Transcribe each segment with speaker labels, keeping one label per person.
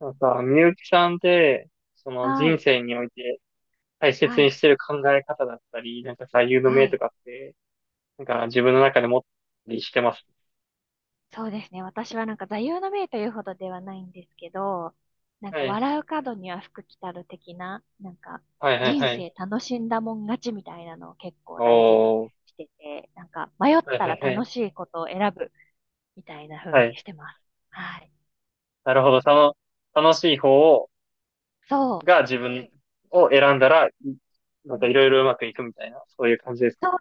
Speaker 1: なんか、みゆきさんって、その
Speaker 2: は
Speaker 1: 人
Speaker 2: い、
Speaker 1: 生において大切
Speaker 2: は
Speaker 1: に
Speaker 2: い、
Speaker 1: してる考え方だったり、なんか座右の
Speaker 2: は
Speaker 1: 銘と
Speaker 2: い。
Speaker 1: かって、なんか自分の中で持ったりしてます。
Speaker 2: そうですね。私はなんか座右の銘というほどではないんですけど、なん
Speaker 1: は
Speaker 2: か
Speaker 1: い。
Speaker 2: 笑う角には福来たる的な、なんか
Speaker 1: はいはい
Speaker 2: 人
Speaker 1: はい。
Speaker 2: 生楽しんだもん勝ちみたいなのを結構大事に
Speaker 1: おー。
Speaker 2: してて、なんか迷っ
Speaker 1: はい
Speaker 2: た
Speaker 1: は
Speaker 2: ら
Speaker 1: いは
Speaker 2: 楽
Speaker 1: い。
Speaker 2: しいことを選ぶみたいな風
Speaker 1: は
Speaker 2: に
Speaker 1: い。
Speaker 2: してます。はい。
Speaker 1: なるほど。その、楽しい方を、
Speaker 2: そ
Speaker 1: が自分を選んだら、なん
Speaker 2: う。う
Speaker 1: か
Speaker 2: ん
Speaker 1: いろいろうまくいくみたいな、そういう感じです
Speaker 2: そ
Speaker 1: か。
Speaker 2: う、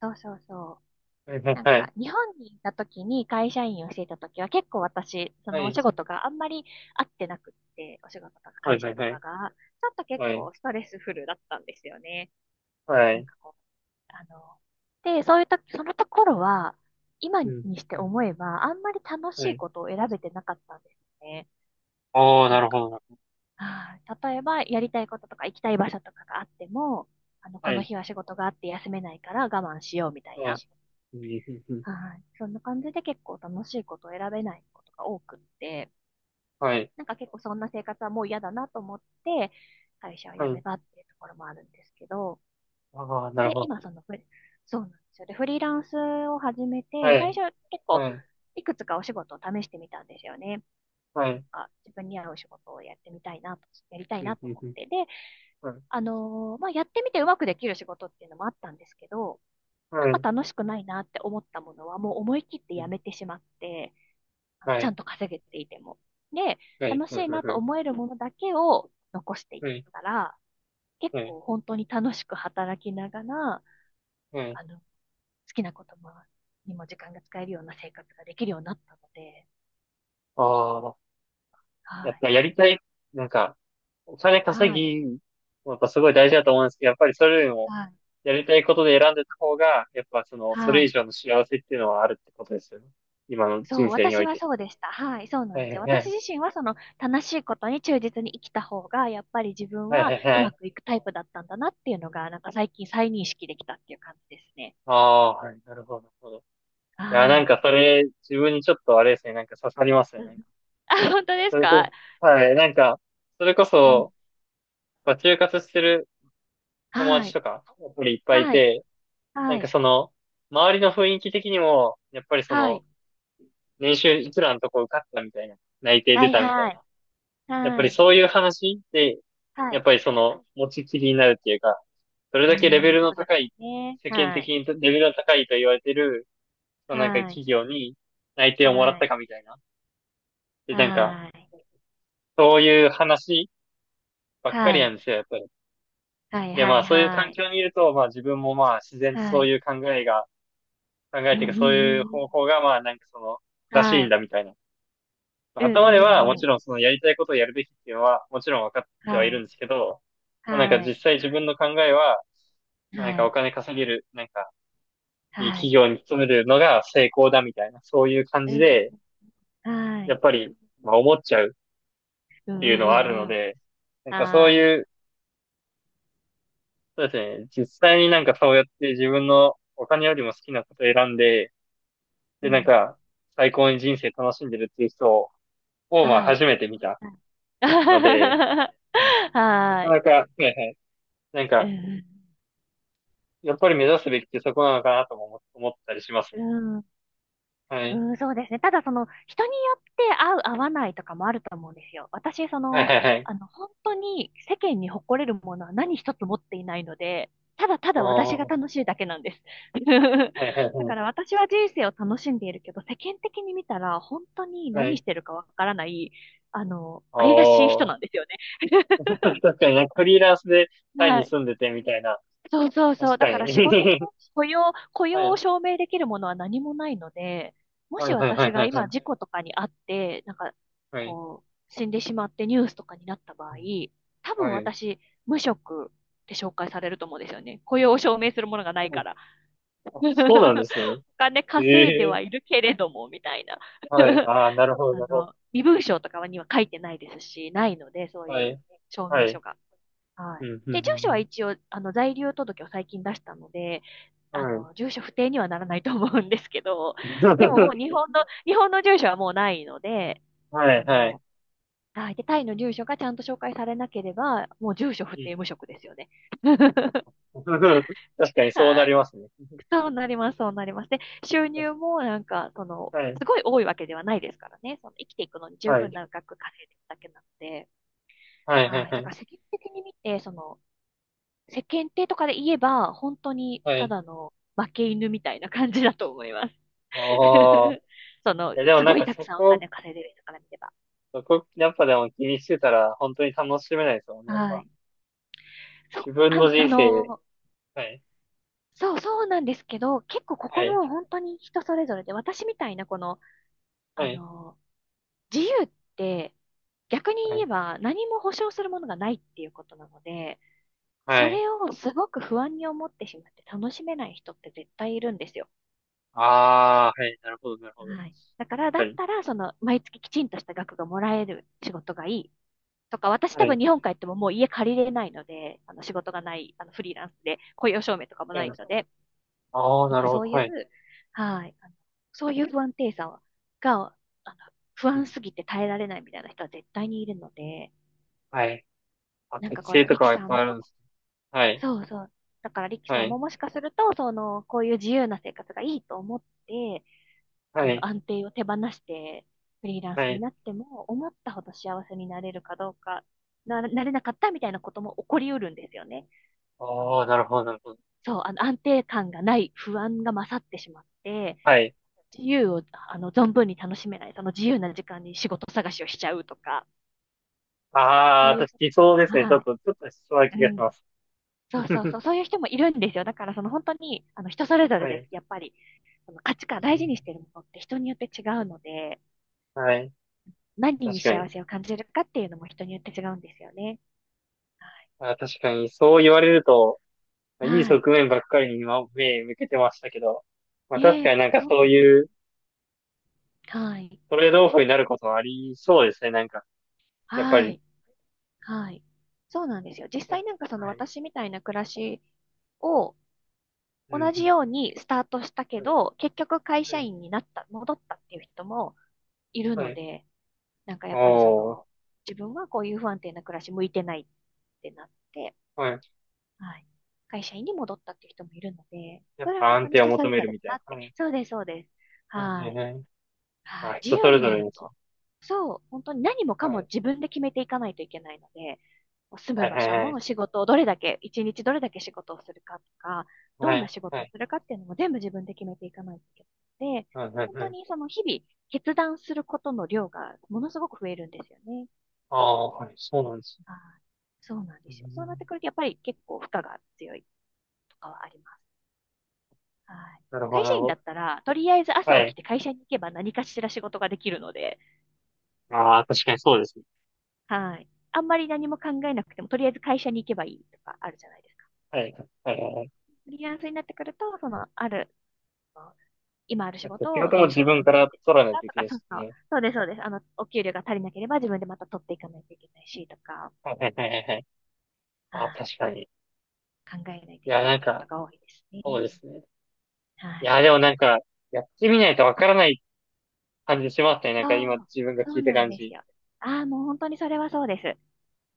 Speaker 2: そうそうそ
Speaker 1: はいは
Speaker 2: う。
Speaker 1: い
Speaker 2: なん
Speaker 1: はい。
Speaker 2: か、日本にいた時に会社員をしていた時は結構私、そ
Speaker 1: は
Speaker 2: のお
Speaker 1: い。
Speaker 2: 仕事があんまり合ってなくって、お仕事とか
Speaker 1: はい
Speaker 2: 会
Speaker 1: は
Speaker 2: 社
Speaker 1: い
Speaker 2: と
Speaker 1: は
Speaker 2: か
Speaker 1: い。
Speaker 2: が、ちょっと結
Speaker 1: はい。
Speaker 2: 構ストレスフルだったんですよね。
Speaker 1: は
Speaker 2: なん
Speaker 1: い。
Speaker 2: かこう、あの、で、そういうときそのところは、今
Speaker 1: う
Speaker 2: に
Speaker 1: ん。
Speaker 2: して
Speaker 1: うん。
Speaker 2: 思えば、あんまり楽し
Speaker 1: は
Speaker 2: い
Speaker 1: い。
Speaker 2: ことを選べてなかったんですね。
Speaker 1: おー、
Speaker 2: な
Speaker 1: な
Speaker 2: ん
Speaker 1: るほ
Speaker 2: か、
Speaker 1: ど。
Speaker 2: あー例えば、やりたいこととか行きたい場所とかがあっても、
Speaker 1: は
Speaker 2: この
Speaker 1: い。
Speaker 2: 日は仕事があって休めないから我慢しようみたい
Speaker 1: そうで
Speaker 2: な。
Speaker 1: す。うんうんうん。
Speaker 2: はい。そんな感じで結構楽しいことを選べないことが多くって、
Speaker 1: はい。
Speaker 2: なんか結構そんな生活はもう嫌だなと思って、会社を
Speaker 1: は
Speaker 2: 辞め
Speaker 1: い。
Speaker 2: たっていうところもあるんですけど、
Speaker 1: ああ、なる
Speaker 2: で、
Speaker 1: ほど。
Speaker 2: 今そのフリ、そうなんですよ。で、フリーランスを始め
Speaker 1: は
Speaker 2: て、最
Speaker 1: い。
Speaker 2: 初結構
Speaker 1: はい。
Speaker 2: いくつかお仕事を試してみたんですよね。
Speaker 1: は
Speaker 2: なん
Speaker 1: い。
Speaker 2: か自分に合う仕事をやってみたいなと、やりたい
Speaker 1: う
Speaker 2: なと思っ
Speaker 1: ん、
Speaker 2: て。で、
Speaker 1: う
Speaker 2: まあ、やってみてうまくできる仕事っていうのもあったんですけど、なん
Speaker 1: ん、
Speaker 2: か楽しくないなって思ったものはもう思い切って
Speaker 1: う
Speaker 2: や
Speaker 1: ん。
Speaker 2: めてしまって、
Speaker 1: は
Speaker 2: ちゃ
Speaker 1: い。
Speaker 2: んと稼げていても。で、
Speaker 1: はい。
Speaker 2: 楽
Speaker 1: う
Speaker 2: しいなと
Speaker 1: ん。
Speaker 2: 思えるものだけを残していっ
Speaker 1: はい。
Speaker 2: たら、結
Speaker 1: はい。うん、うん、うん。はい。はい。
Speaker 2: 構本当に楽しく働きながら、
Speaker 1: はい。
Speaker 2: 好きなこともにも時間が使えるような生活ができるようになったので、
Speaker 1: ああ、
Speaker 2: は
Speaker 1: やっ
Speaker 2: い、
Speaker 1: ぱやりたい、なんか、お金稼
Speaker 2: はい、
Speaker 1: ぎ、やっぱすごい大事だと思うんですけど、やっぱりそれよりも、
Speaker 2: はい、
Speaker 1: やりたいことで選んでた方が、やっぱその、そ
Speaker 2: は
Speaker 1: れ以
Speaker 2: い。
Speaker 1: 上の幸せっていうのはあるってことですよね。今の
Speaker 2: そ
Speaker 1: 人
Speaker 2: う、
Speaker 1: 生にお
Speaker 2: 私
Speaker 1: い
Speaker 2: は
Speaker 1: て。
Speaker 2: そうでした。はい、そうな
Speaker 1: は
Speaker 2: んで
Speaker 1: い
Speaker 2: す
Speaker 1: はい
Speaker 2: よ。
Speaker 1: は
Speaker 2: 私
Speaker 1: い。
Speaker 2: 自身はその楽しいことに忠実に生きた方が、やっぱり自分
Speaker 1: はいは
Speaker 2: は
Speaker 1: い
Speaker 2: う
Speaker 1: は
Speaker 2: ま
Speaker 1: い。
Speaker 2: くいくタイプだったんだなっていうのが、なんか最近再認識できたっていう感じですね。
Speaker 1: ああ、はい。なるほど、なるほど。いや、な
Speaker 2: は
Speaker 1: ん
Speaker 2: い。
Speaker 1: かそれ、自分にちょっとあれですね、なんか刺さります
Speaker 2: う
Speaker 1: ね。
Speaker 2: ん。あ、本当で
Speaker 1: そ
Speaker 2: す
Speaker 1: れこ
Speaker 2: か。
Speaker 1: そ、はい、なんか、それこ
Speaker 2: うん。
Speaker 1: そ、まあ、就活してる友
Speaker 2: は
Speaker 1: 達
Speaker 2: い。
Speaker 1: とか、やっぱりいっぱいい
Speaker 2: はい。
Speaker 1: て、な
Speaker 2: は
Speaker 1: んか
Speaker 2: い。
Speaker 1: その、周りの雰囲気的にも、やっぱりそ
Speaker 2: は
Speaker 1: の、
Speaker 2: い。
Speaker 1: 年収いくらのとこ受かったみたいな、内定
Speaker 2: は
Speaker 1: 出
Speaker 2: い。
Speaker 1: たみたい
Speaker 2: はい。
Speaker 1: な、やっぱ
Speaker 2: は
Speaker 1: り
Speaker 2: い。
Speaker 1: そういう話で、
Speaker 2: は
Speaker 1: やっ
Speaker 2: い。
Speaker 1: ぱりその、持ちきりになるっていうか、それ
Speaker 2: う
Speaker 1: だけレベ
Speaker 2: ん、
Speaker 1: ル
Speaker 2: そ
Speaker 1: の
Speaker 2: うで
Speaker 1: 高
Speaker 2: すよ
Speaker 1: い、
Speaker 2: ね。
Speaker 1: 世間
Speaker 2: は
Speaker 1: 的
Speaker 2: い。
Speaker 1: にレベルの高いと言われてる、そのなんか
Speaker 2: はい。
Speaker 1: 企業に内定をもらっ
Speaker 2: は
Speaker 1: た
Speaker 2: い。
Speaker 1: かみたいな。で、なんか、
Speaker 2: はい。
Speaker 1: そういう話ばっかり
Speaker 2: は
Speaker 1: なん
Speaker 2: い。
Speaker 1: ですよ、やっぱり。
Speaker 2: はい。
Speaker 1: で、
Speaker 2: は
Speaker 1: まあ
Speaker 2: い。
Speaker 1: そういう
Speaker 2: は
Speaker 1: 環
Speaker 2: い。
Speaker 1: 境にいると、まあ自分もまあ自然と
Speaker 2: は
Speaker 1: そう
Speaker 2: い。
Speaker 1: いう考えが、考
Speaker 2: う
Speaker 1: え
Speaker 2: ん
Speaker 1: てい
Speaker 2: う
Speaker 1: うか
Speaker 2: んう
Speaker 1: そういう
Speaker 2: んう
Speaker 1: 方
Speaker 2: ん。
Speaker 1: 法がまあなんかその正しい
Speaker 2: は
Speaker 1: ん
Speaker 2: い。
Speaker 1: だみたいな。
Speaker 2: うんう
Speaker 1: 頭で
Speaker 2: ん
Speaker 1: は
Speaker 2: う
Speaker 1: も
Speaker 2: んう
Speaker 1: ち
Speaker 2: ん。
Speaker 1: ろんそのやりたいことをやるべきっていうのはもちろん分かってはい
Speaker 2: は
Speaker 1: るん
Speaker 2: い。
Speaker 1: ですけど、まあなんか
Speaker 2: は
Speaker 1: 実
Speaker 2: い。
Speaker 1: 際自分の考えは、まあなん
Speaker 2: は
Speaker 1: かお
Speaker 2: い。
Speaker 1: 金稼げる、なんかいい
Speaker 2: は
Speaker 1: 企
Speaker 2: い。
Speaker 1: 業に勤めるのが成功だみたいな、そういう感
Speaker 2: う
Speaker 1: じ
Speaker 2: ん。
Speaker 1: で、
Speaker 2: は
Speaker 1: やっ
Speaker 2: い。
Speaker 1: ぱりまあ思っちゃうっ
Speaker 2: うん
Speaker 1: て
Speaker 2: う
Speaker 1: いうのはあ
Speaker 2: んう
Speaker 1: る
Speaker 2: ん
Speaker 1: の
Speaker 2: うん。
Speaker 1: で、なんかそう
Speaker 2: はい。
Speaker 1: いう、そうですね、実際になんかそうやって自分のお金よりも好きなことを選んで、
Speaker 2: う
Speaker 1: で、なん
Speaker 2: ん。
Speaker 1: か、最高に人生楽しんでるっていう人を、まあ、
Speaker 2: はい。
Speaker 1: 初めて見た
Speaker 2: はい。
Speaker 1: ので、うん。な
Speaker 2: は
Speaker 1: か
Speaker 2: い。
Speaker 1: なか、はいはい。なん
Speaker 2: う
Speaker 1: か、
Speaker 2: ん。
Speaker 1: やっぱり目指すべきってそこなのかなとも思ったりします
Speaker 2: う
Speaker 1: ね。
Speaker 2: ん、
Speaker 1: は
Speaker 2: う
Speaker 1: い。
Speaker 2: ん、そうですね。ただ、その、人によって合う、合わないとかもあると思うんですよ。私、そ
Speaker 1: はい
Speaker 2: の、
Speaker 1: はいはい。
Speaker 2: 本当に世間に誇れるものは何一つ持っていないので、ただただ私が
Speaker 1: おー。
Speaker 2: 楽しいだけなんです。
Speaker 1: はいはい
Speaker 2: だ
Speaker 1: は
Speaker 2: か
Speaker 1: い。
Speaker 2: ら私は人生を楽しんでいるけど、世間的に見たら本当に
Speaker 1: は
Speaker 2: 何
Speaker 1: い。
Speaker 2: してるかわからない、怪しい人
Speaker 1: おー。
Speaker 2: なんですよね。
Speaker 1: 確かになんかフリーランスでタイ
Speaker 2: は
Speaker 1: に
Speaker 2: い。
Speaker 1: 住んでてみたいな。
Speaker 2: そうそうそ
Speaker 1: 確
Speaker 2: う。だ
Speaker 1: か
Speaker 2: から仕事
Speaker 1: に。
Speaker 2: も 雇用、雇
Speaker 1: は
Speaker 2: 用を
Speaker 1: い。
Speaker 2: 証明できるものは何もないので、も
Speaker 1: は
Speaker 2: し
Speaker 1: いはいはい
Speaker 2: 私が
Speaker 1: はいは
Speaker 2: 今
Speaker 1: い。
Speaker 2: 事故とかにあって、なんか、
Speaker 1: はい。
Speaker 2: こう、死んでしまってニュースとかになった場
Speaker 1: う
Speaker 2: 合、
Speaker 1: ん。
Speaker 2: 多分
Speaker 1: はい。
Speaker 2: 私、無職って紹介されると思うんですよね。雇用を証明するものがない
Speaker 1: そ
Speaker 2: か
Speaker 1: う、
Speaker 2: ら。
Speaker 1: あ、そうなんで
Speaker 2: お
Speaker 1: すね。
Speaker 2: 金稼いで
Speaker 1: ええ。
Speaker 2: はいるけれども、みたいな。
Speaker 1: はい。ああ、なるほどなるほど。
Speaker 2: 身分証とかには書いてないですし、ないので、そう
Speaker 1: は
Speaker 2: いう
Speaker 1: い。
Speaker 2: 証
Speaker 1: は
Speaker 2: 明
Speaker 1: い。
Speaker 2: 書が。は
Speaker 1: う
Speaker 2: い。
Speaker 1: ん、うん、う
Speaker 2: で、
Speaker 1: ん。
Speaker 2: 住所
Speaker 1: う
Speaker 2: は
Speaker 1: ん。
Speaker 2: 一応、在留届を最近出したので、
Speaker 1: はい。
Speaker 2: 住所不定にはならないと思うんですけど、でももう日 本の、日本の住所はもうないので、
Speaker 1: はい、
Speaker 2: あ
Speaker 1: はい。
Speaker 2: の、はい。で、タイの住所がちゃんと紹介されなければ、もう住所不
Speaker 1: うん。
Speaker 2: 定無職ですよね。
Speaker 1: 確かにそう
Speaker 2: は
Speaker 1: なり
Speaker 2: い。
Speaker 1: ますね。
Speaker 2: そうなります、そうなります。で、収入
Speaker 1: 確
Speaker 2: もなんか、その、
Speaker 1: か、はい、
Speaker 2: すごい多いわけではないですからね。その生きていくのに十
Speaker 1: は
Speaker 2: 分
Speaker 1: い。
Speaker 2: な額稼いでるだけなので、
Speaker 1: はい、はい、
Speaker 2: はい。
Speaker 1: は
Speaker 2: だか
Speaker 1: い。
Speaker 2: ら世間的に見て、その、世間体とかで言えば、本当に
Speaker 1: は
Speaker 2: た
Speaker 1: い。
Speaker 2: だの負け犬みたいな感じだと思います。
Speaker 1: おー。
Speaker 2: その、
Speaker 1: いや、でも
Speaker 2: す
Speaker 1: なん
Speaker 2: ごい
Speaker 1: か
Speaker 2: たく
Speaker 1: そ
Speaker 2: さんお
Speaker 1: こ、
Speaker 2: 金稼いでる人から見れば。
Speaker 1: そこ、やっぱでも気にしてたら、本当に楽しめないですもんね、やっ
Speaker 2: は
Speaker 1: ぱ。
Speaker 2: い。そ、
Speaker 1: 自分
Speaker 2: あ、
Speaker 1: の
Speaker 2: あ
Speaker 1: 人生、
Speaker 2: の、
Speaker 1: はい、
Speaker 2: そうそうなんですけど、結構こ
Speaker 1: は
Speaker 2: こ
Speaker 1: い、
Speaker 2: も本当に人それぞれで、私みたいなこの、
Speaker 1: は
Speaker 2: あ
Speaker 1: い、
Speaker 2: の、自由って逆
Speaker 1: は
Speaker 2: に言
Speaker 1: い、
Speaker 2: えば何も保証するものがないっていうことなので、そ
Speaker 1: はい。
Speaker 2: れをすごく不安に思ってしまって楽しめない人って絶対いるんですよ。
Speaker 1: あー、はい、なるほど、なるほど。
Speaker 2: はい。だから、
Speaker 1: 確
Speaker 2: だ
Speaker 1: か
Speaker 2: っ
Speaker 1: に。
Speaker 2: たら、その、毎月きちんとした額がもらえる仕事がいい。とか、私
Speaker 1: は
Speaker 2: 多分
Speaker 1: い。
Speaker 2: 日本帰ってももう家借りれないので、あの、仕事がない、フリーランスで、雇用証明とかも
Speaker 1: う
Speaker 2: な
Speaker 1: ん。
Speaker 2: いので、
Speaker 1: あー、
Speaker 2: なん
Speaker 1: なる
Speaker 2: か
Speaker 1: ほ
Speaker 2: そ
Speaker 1: ど、
Speaker 2: うい
Speaker 1: はい。
Speaker 2: う、はい、あのそういう不安定さはが、あの、不
Speaker 1: うん。
Speaker 2: 安すぎて耐えられないみたいな人は絶対にいるので、
Speaker 1: はい。あ、
Speaker 2: なんか
Speaker 1: 適
Speaker 2: これ、
Speaker 1: 性と
Speaker 2: リ
Speaker 1: か
Speaker 2: キ
Speaker 1: はいっ
Speaker 2: さん
Speaker 1: ぱいある
Speaker 2: も、
Speaker 1: んです。はい、
Speaker 2: そうそう。だからリキさ
Speaker 1: は
Speaker 2: ん
Speaker 1: い、
Speaker 2: ももしかすると、その、こういう自由な生活がいいと思って、
Speaker 1: はい。
Speaker 2: 安定を手放して、フリーランス
Speaker 1: は
Speaker 2: に
Speaker 1: い。
Speaker 2: なっても、思ったほど幸せになれるかどうか、なれなかったみたいなことも起こりうるんですよね。そ
Speaker 1: ああ、な
Speaker 2: の、
Speaker 1: るほど、なるほど。
Speaker 2: そう、安定感がない不安が勝ってしまって、
Speaker 1: はい。
Speaker 2: 自由を、存分に楽しめない、その自由な時間に仕事探しをしちゃうとか、
Speaker 1: あ
Speaker 2: そ
Speaker 1: あ、
Speaker 2: ういう
Speaker 1: 私、
Speaker 2: こ
Speaker 1: 理想で
Speaker 2: と。
Speaker 1: すね。ちょ
Speaker 2: は
Speaker 1: っ
Speaker 2: い。
Speaker 1: と、ちょっとしそうな
Speaker 2: う
Speaker 1: 気がし
Speaker 2: ん。
Speaker 1: ます。
Speaker 2: そうそうそ う、そういう人もいるんですよ。だからその本当に、人それぞれ
Speaker 1: は
Speaker 2: です、
Speaker 1: い。
Speaker 2: やっぱり。その価値観、大事にしてるものって人によって違うので、
Speaker 1: はい。
Speaker 2: 何に
Speaker 1: 確か
Speaker 2: 幸
Speaker 1: に。
Speaker 2: せを感じるかっていうのも人によって違うんですよね。はい。
Speaker 1: あ、確かに、そう言われると、いい
Speaker 2: はい。
Speaker 1: 側面ばっかりに今、目向けてましたけど、まあ確
Speaker 2: ね
Speaker 1: か
Speaker 2: え、
Speaker 1: になんか
Speaker 2: そう
Speaker 1: そう
Speaker 2: なんで
Speaker 1: い
Speaker 2: す。
Speaker 1: う
Speaker 2: はい。
Speaker 1: トレードオフになることはありそうですね。なんか、やっぱ
Speaker 2: は
Speaker 1: り。
Speaker 2: い。はい。そうなんですよ。実際なんかその
Speaker 1: はい。
Speaker 2: 私みたいな暮らしを
Speaker 1: うん、
Speaker 2: 同
Speaker 1: う
Speaker 2: じ
Speaker 1: ん。
Speaker 2: ようにスタートしたけど、結局会
Speaker 1: は
Speaker 2: 社
Speaker 1: い。
Speaker 2: 員になった、戻ったっていう人もいる
Speaker 1: はい。
Speaker 2: の
Speaker 1: はい。
Speaker 2: で、なんかやっぱりそ
Speaker 1: おー。
Speaker 2: の、自分はこういう不安定な暮らし向いてないってなって、
Speaker 1: はい。
Speaker 2: はい。会社員に戻ったっていう人もいるので、
Speaker 1: や
Speaker 2: そ
Speaker 1: っ
Speaker 2: れは
Speaker 1: ぱ
Speaker 2: 本
Speaker 1: 安
Speaker 2: 当に
Speaker 1: 定を
Speaker 2: 人そ
Speaker 1: 求
Speaker 2: れぞ
Speaker 1: める
Speaker 2: れだ
Speaker 1: みた
Speaker 2: な
Speaker 1: い
Speaker 2: っ
Speaker 1: な。
Speaker 2: て。
Speaker 1: はい。
Speaker 2: そうです、そうです。
Speaker 1: はい。は
Speaker 2: は
Speaker 1: い。
Speaker 2: い。
Speaker 1: はい。ま
Speaker 2: は
Speaker 1: あ
Speaker 2: い、自
Speaker 1: 人そ
Speaker 2: 由
Speaker 1: れ
Speaker 2: に
Speaker 1: ぞ
Speaker 2: な
Speaker 1: れ
Speaker 2: る
Speaker 1: ですね。
Speaker 2: と。そう、本当に何もか
Speaker 1: は
Speaker 2: も
Speaker 1: い。
Speaker 2: 自分で決めていかないといけないので、住
Speaker 1: は
Speaker 2: む
Speaker 1: い。
Speaker 2: 場
Speaker 1: はい。
Speaker 2: 所
Speaker 1: はい。
Speaker 2: も仕事をどれだけ、一日どれだけ仕事をするかとか、ど
Speaker 1: は
Speaker 2: んな
Speaker 1: い、
Speaker 2: 仕
Speaker 1: は
Speaker 2: 事を
Speaker 1: い、
Speaker 2: するかっていうのも全部自分で決めていかないといけないので、
Speaker 1: はい、はい、
Speaker 2: 本
Speaker 1: は
Speaker 2: 当
Speaker 1: い。
Speaker 2: にその日々決断することの量がものすごく増えるんですよね。
Speaker 1: ああ、はい、そうなんですね。
Speaker 2: はい。そうなんで
Speaker 1: う
Speaker 2: すよ。そうなって
Speaker 1: ん。
Speaker 2: くるとやっぱり結構負荷が強いとかはあります。はい。
Speaker 1: なるほど。
Speaker 2: 会
Speaker 1: な
Speaker 2: 社
Speaker 1: る
Speaker 2: 員
Speaker 1: ほ
Speaker 2: だ
Speaker 1: ど。
Speaker 2: ったら、とりあえず朝
Speaker 1: は
Speaker 2: 起き
Speaker 1: い。
Speaker 2: て会社に行けば何かしら仕事ができるので、
Speaker 1: ああ、確かにそうですね。
Speaker 2: はい。あんまり何も考えなくても、とりあえず会社に行けばいいとかあるじゃないですか。
Speaker 1: はい、はい、はいはい。
Speaker 2: フリーランスになってくると、その、ある、今ある
Speaker 1: だ
Speaker 2: 仕
Speaker 1: って仕
Speaker 2: 事を
Speaker 1: 事
Speaker 2: ど
Speaker 1: も
Speaker 2: ういうふう
Speaker 1: 自
Speaker 2: に
Speaker 1: 分
Speaker 2: 組
Speaker 1: か
Speaker 2: み立
Speaker 1: ら
Speaker 2: ててい
Speaker 1: 取ら
Speaker 2: く
Speaker 1: ない
Speaker 2: か
Speaker 1: とい
Speaker 2: と
Speaker 1: けな
Speaker 2: か、
Speaker 1: いで
Speaker 2: そう
Speaker 1: す
Speaker 2: そう、
Speaker 1: ね。
Speaker 2: そうです、そうです。お給料が足りなければ自分でまた取っていかないといけないし、とか、
Speaker 1: はい、はい、はい、はいはい。
Speaker 2: は
Speaker 1: ああ、
Speaker 2: い。
Speaker 1: 確かに。い
Speaker 2: 考えないとい
Speaker 1: や、
Speaker 2: け
Speaker 1: な
Speaker 2: な
Speaker 1: ん
Speaker 2: いこと
Speaker 1: か、
Speaker 2: が多いです
Speaker 1: そ
Speaker 2: ね。
Speaker 1: うですね。
Speaker 2: は
Speaker 1: い
Speaker 2: い。
Speaker 1: や、でもなんか、やってみないとわからない感じしますね。なんか今
Speaker 2: そう、
Speaker 1: 自分が
Speaker 2: そ
Speaker 1: 聞い
Speaker 2: う
Speaker 1: た
Speaker 2: なん
Speaker 1: 感
Speaker 2: です
Speaker 1: じ。
Speaker 2: よ。ああ、もう本当にそれはそうです。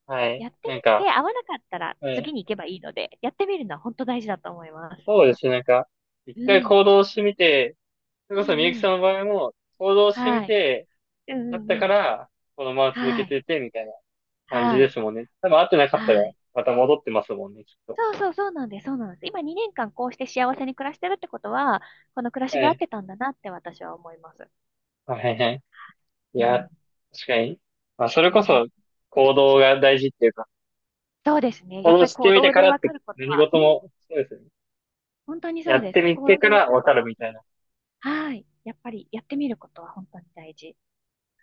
Speaker 1: はい。
Speaker 2: やって
Speaker 1: なん
Speaker 2: み
Speaker 1: か、
Speaker 2: て、合わなかったら
Speaker 1: は
Speaker 2: 次
Speaker 1: い。
Speaker 2: に行けばいいので、やってみるのは本当大事だと思います。
Speaker 1: そうですね。なんか、一
Speaker 2: う
Speaker 1: 回
Speaker 2: ん。
Speaker 1: 行動してみて、それ
Speaker 2: う
Speaker 1: こそみゆき
Speaker 2: んう
Speaker 1: さん
Speaker 2: ん。
Speaker 1: の場合も、行動してみ
Speaker 2: はい。
Speaker 1: て、
Speaker 2: うん
Speaker 1: だ
Speaker 2: う
Speaker 1: った
Speaker 2: ん
Speaker 1: か
Speaker 2: うん。
Speaker 1: ら、このまま続け
Speaker 2: はい。
Speaker 1: てて、みたいな感じ
Speaker 2: は
Speaker 1: で
Speaker 2: い。
Speaker 1: すもんね。多分会ってなかったら、
Speaker 2: はい。
Speaker 1: また戻ってますもんね、きっと。
Speaker 2: そうそうそうなんです。そうなんです。今2年間こうして幸せに
Speaker 1: は
Speaker 2: 暮らしてるってことは、この暮らしが合って
Speaker 1: い。
Speaker 2: たんだなって私は思います。
Speaker 1: はいはい。い
Speaker 2: う
Speaker 1: や、
Speaker 2: ん。
Speaker 1: 確かに。まあ、それ
Speaker 2: う
Speaker 1: こ
Speaker 2: ん
Speaker 1: そ行動が大事っていうか、
Speaker 2: そうですね。やっ
Speaker 1: 行動
Speaker 2: ぱり
Speaker 1: して
Speaker 2: 行
Speaker 1: みて
Speaker 2: 動
Speaker 1: か
Speaker 2: で
Speaker 1: らっ
Speaker 2: わか
Speaker 1: て
Speaker 2: ること
Speaker 1: 何
Speaker 2: は、う
Speaker 1: 事
Speaker 2: ん。
Speaker 1: も、そうですね。
Speaker 2: 本当にそ
Speaker 1: や
Speaker 2: う
Speaker 1: っ
Speaker 2: で
Speaker 1: て
Speaker 2: す。
Speaker 1: み
Speaker 2: 行
Speaker 1: て
Speaker 2: 動
Speaker 1: か
Speaker 2: でわ
Speaker 1: ら
Speaker 2: かる
Speaker 1: わ
Speaker 2: こ
Speaker 1: か
Speaker 2: と
Speaker 1: る
Speaker 2: は多
Speaker 1: みたい
Speaker 2: いです。
Speaker 1: な。
Speaker 2: はい。やっぱりやってみることは本当に大事。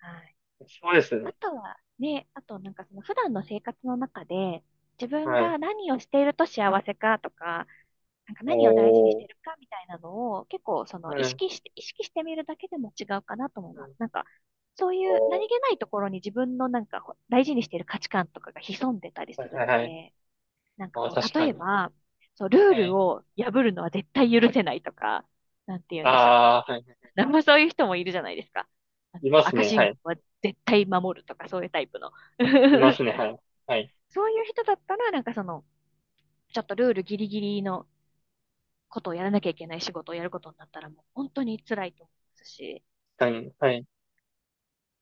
Speaker 2: はい。
Speaker 1: そうですね。
Speaker 2: あとはね、あとなんかその普段の生活の中で、自分
Speaker 1: はい。
Speaker 2: が何をしていると幸せかとか、なんか何を大事にし
Speaker 1: お
Speaker 2: てる
Speaker 1: ー。
Speaker 2: かみたいなのを結構その
Speaker 1: う
Speaker 2: 意
Speaker 1: ん。
Speaker 2: 識して、意識してみるだけでも違うかなと思い
Speaker 1: う
Speaker 2: ます。
Speaker 1: ん。
Speaker 2: なんかそういう
Speaker 1: お
Speaker 2: 何
Speaker 1: ー。
Speaker 2: 気ないところに自分のなんか大事にしてる価値観とかが潜んでたりす
Speaker 1: はい
Speaker 2: る
Speaker 1: はい
Speaker 2: の
Speaker 1: はい。
Speaker 2: で、なんか
Speaker 1: あー、
Speaker 2: こ
Speaker 1: 確
Speaker 2: う
Speaker 1: か
Speaker 2: 例え
Speaker 1: に。
Speaker 2: ば、そう、ルー
Speaker 1: は
Speaker 2: ル
Speaker 1: い。
Speaker 2: を破るのは絶対許せないとか、なんて言うんでしょう。
Speaker 1: ああ、はい。
Speaker 2: なんもそういう人もいるじゃないですか。あの
Speaker 1: います
Speaker 2: 赤
Speaker 1: ね。は
Speaker 2: 信号
Speaker 1: い。
Speaker 2: は絶対守るとかそういうタイプの。
Speaker 1: いま すね。はい。はい。
Speaker 2: そういう人だったら、なんかその、ちょっとルールギリギリのことをやらなきゃいけない仕事をやることになったらもう本当に辛いと思いますし、
Speaker 1: 確かに。はい。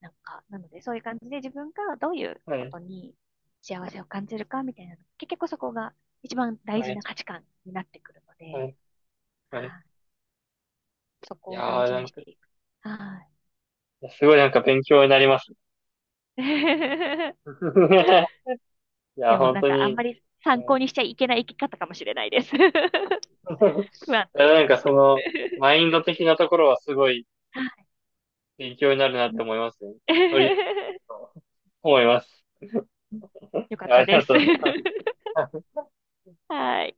Speaker 2: なんか、なのでそういう感じで自分がどういう
Speaker 1: は
Speaker 2: こ
Speaker 1: い。
Speaker 2: とに幸せを感じるかみたいな、結局そこが一番大
Speaker 1: は
Speaker 2: 事
Speaker 1: い。
Speaker 2: な価値観になってくるの
Speaker 1: は
Speaker 2: で、
Speaker 1: い、はい。
Speaker 2: あそ
Speaker 1: い
Speaker 2: こ
Speaker 1: や
Speaker 2: を大
Speaker 1: ー、
Speaker 2: 事
Speaker 1: な
Speaker 2: に
Speaker 1: ん
Speaker 2: し
Speaker 1: か、
Speaker 2: て
Speaker 1: い
Speaker 2: いく。はい。
Speaker 1: やすごいなんか勉強になりますね。い
Speaker 2: で
Speaker 1: や、
Speaker 2: も
Speaker 1: 本
Speaker 2: なん
Speaker 1: 当
Speaker 2: かあん
Speaker 1: に、
Speaker 2: まり
Speaker 1: は
Speaker 2: 参考
Speaker 1: い。
Speaker 2: にしちゃいけない生き方かもしれないです。不安
Speaker 1: いや、
Speaker 2: 定
Speaker 1: なん
Speaker 2: な
Speaker 1: か
Speaker 2: の
Speaker 1: そ
Speaker 2: で。
Speaker 1: の、マインド的なところはすごい
Speaker 2: はい。
Speaker 1: 勉強になるなって思いますね。とりあえず、思います。
Speaker 2: よか
Speaker 1: い
Speaker 2: っ
Speaker 1: やあ
Speaker 2: た
Speaker 1: り
Speaker 2: で
Speaker 1: が
Speaker 2: す。
Speaker 1: とうございます。
Speaker 2: はい。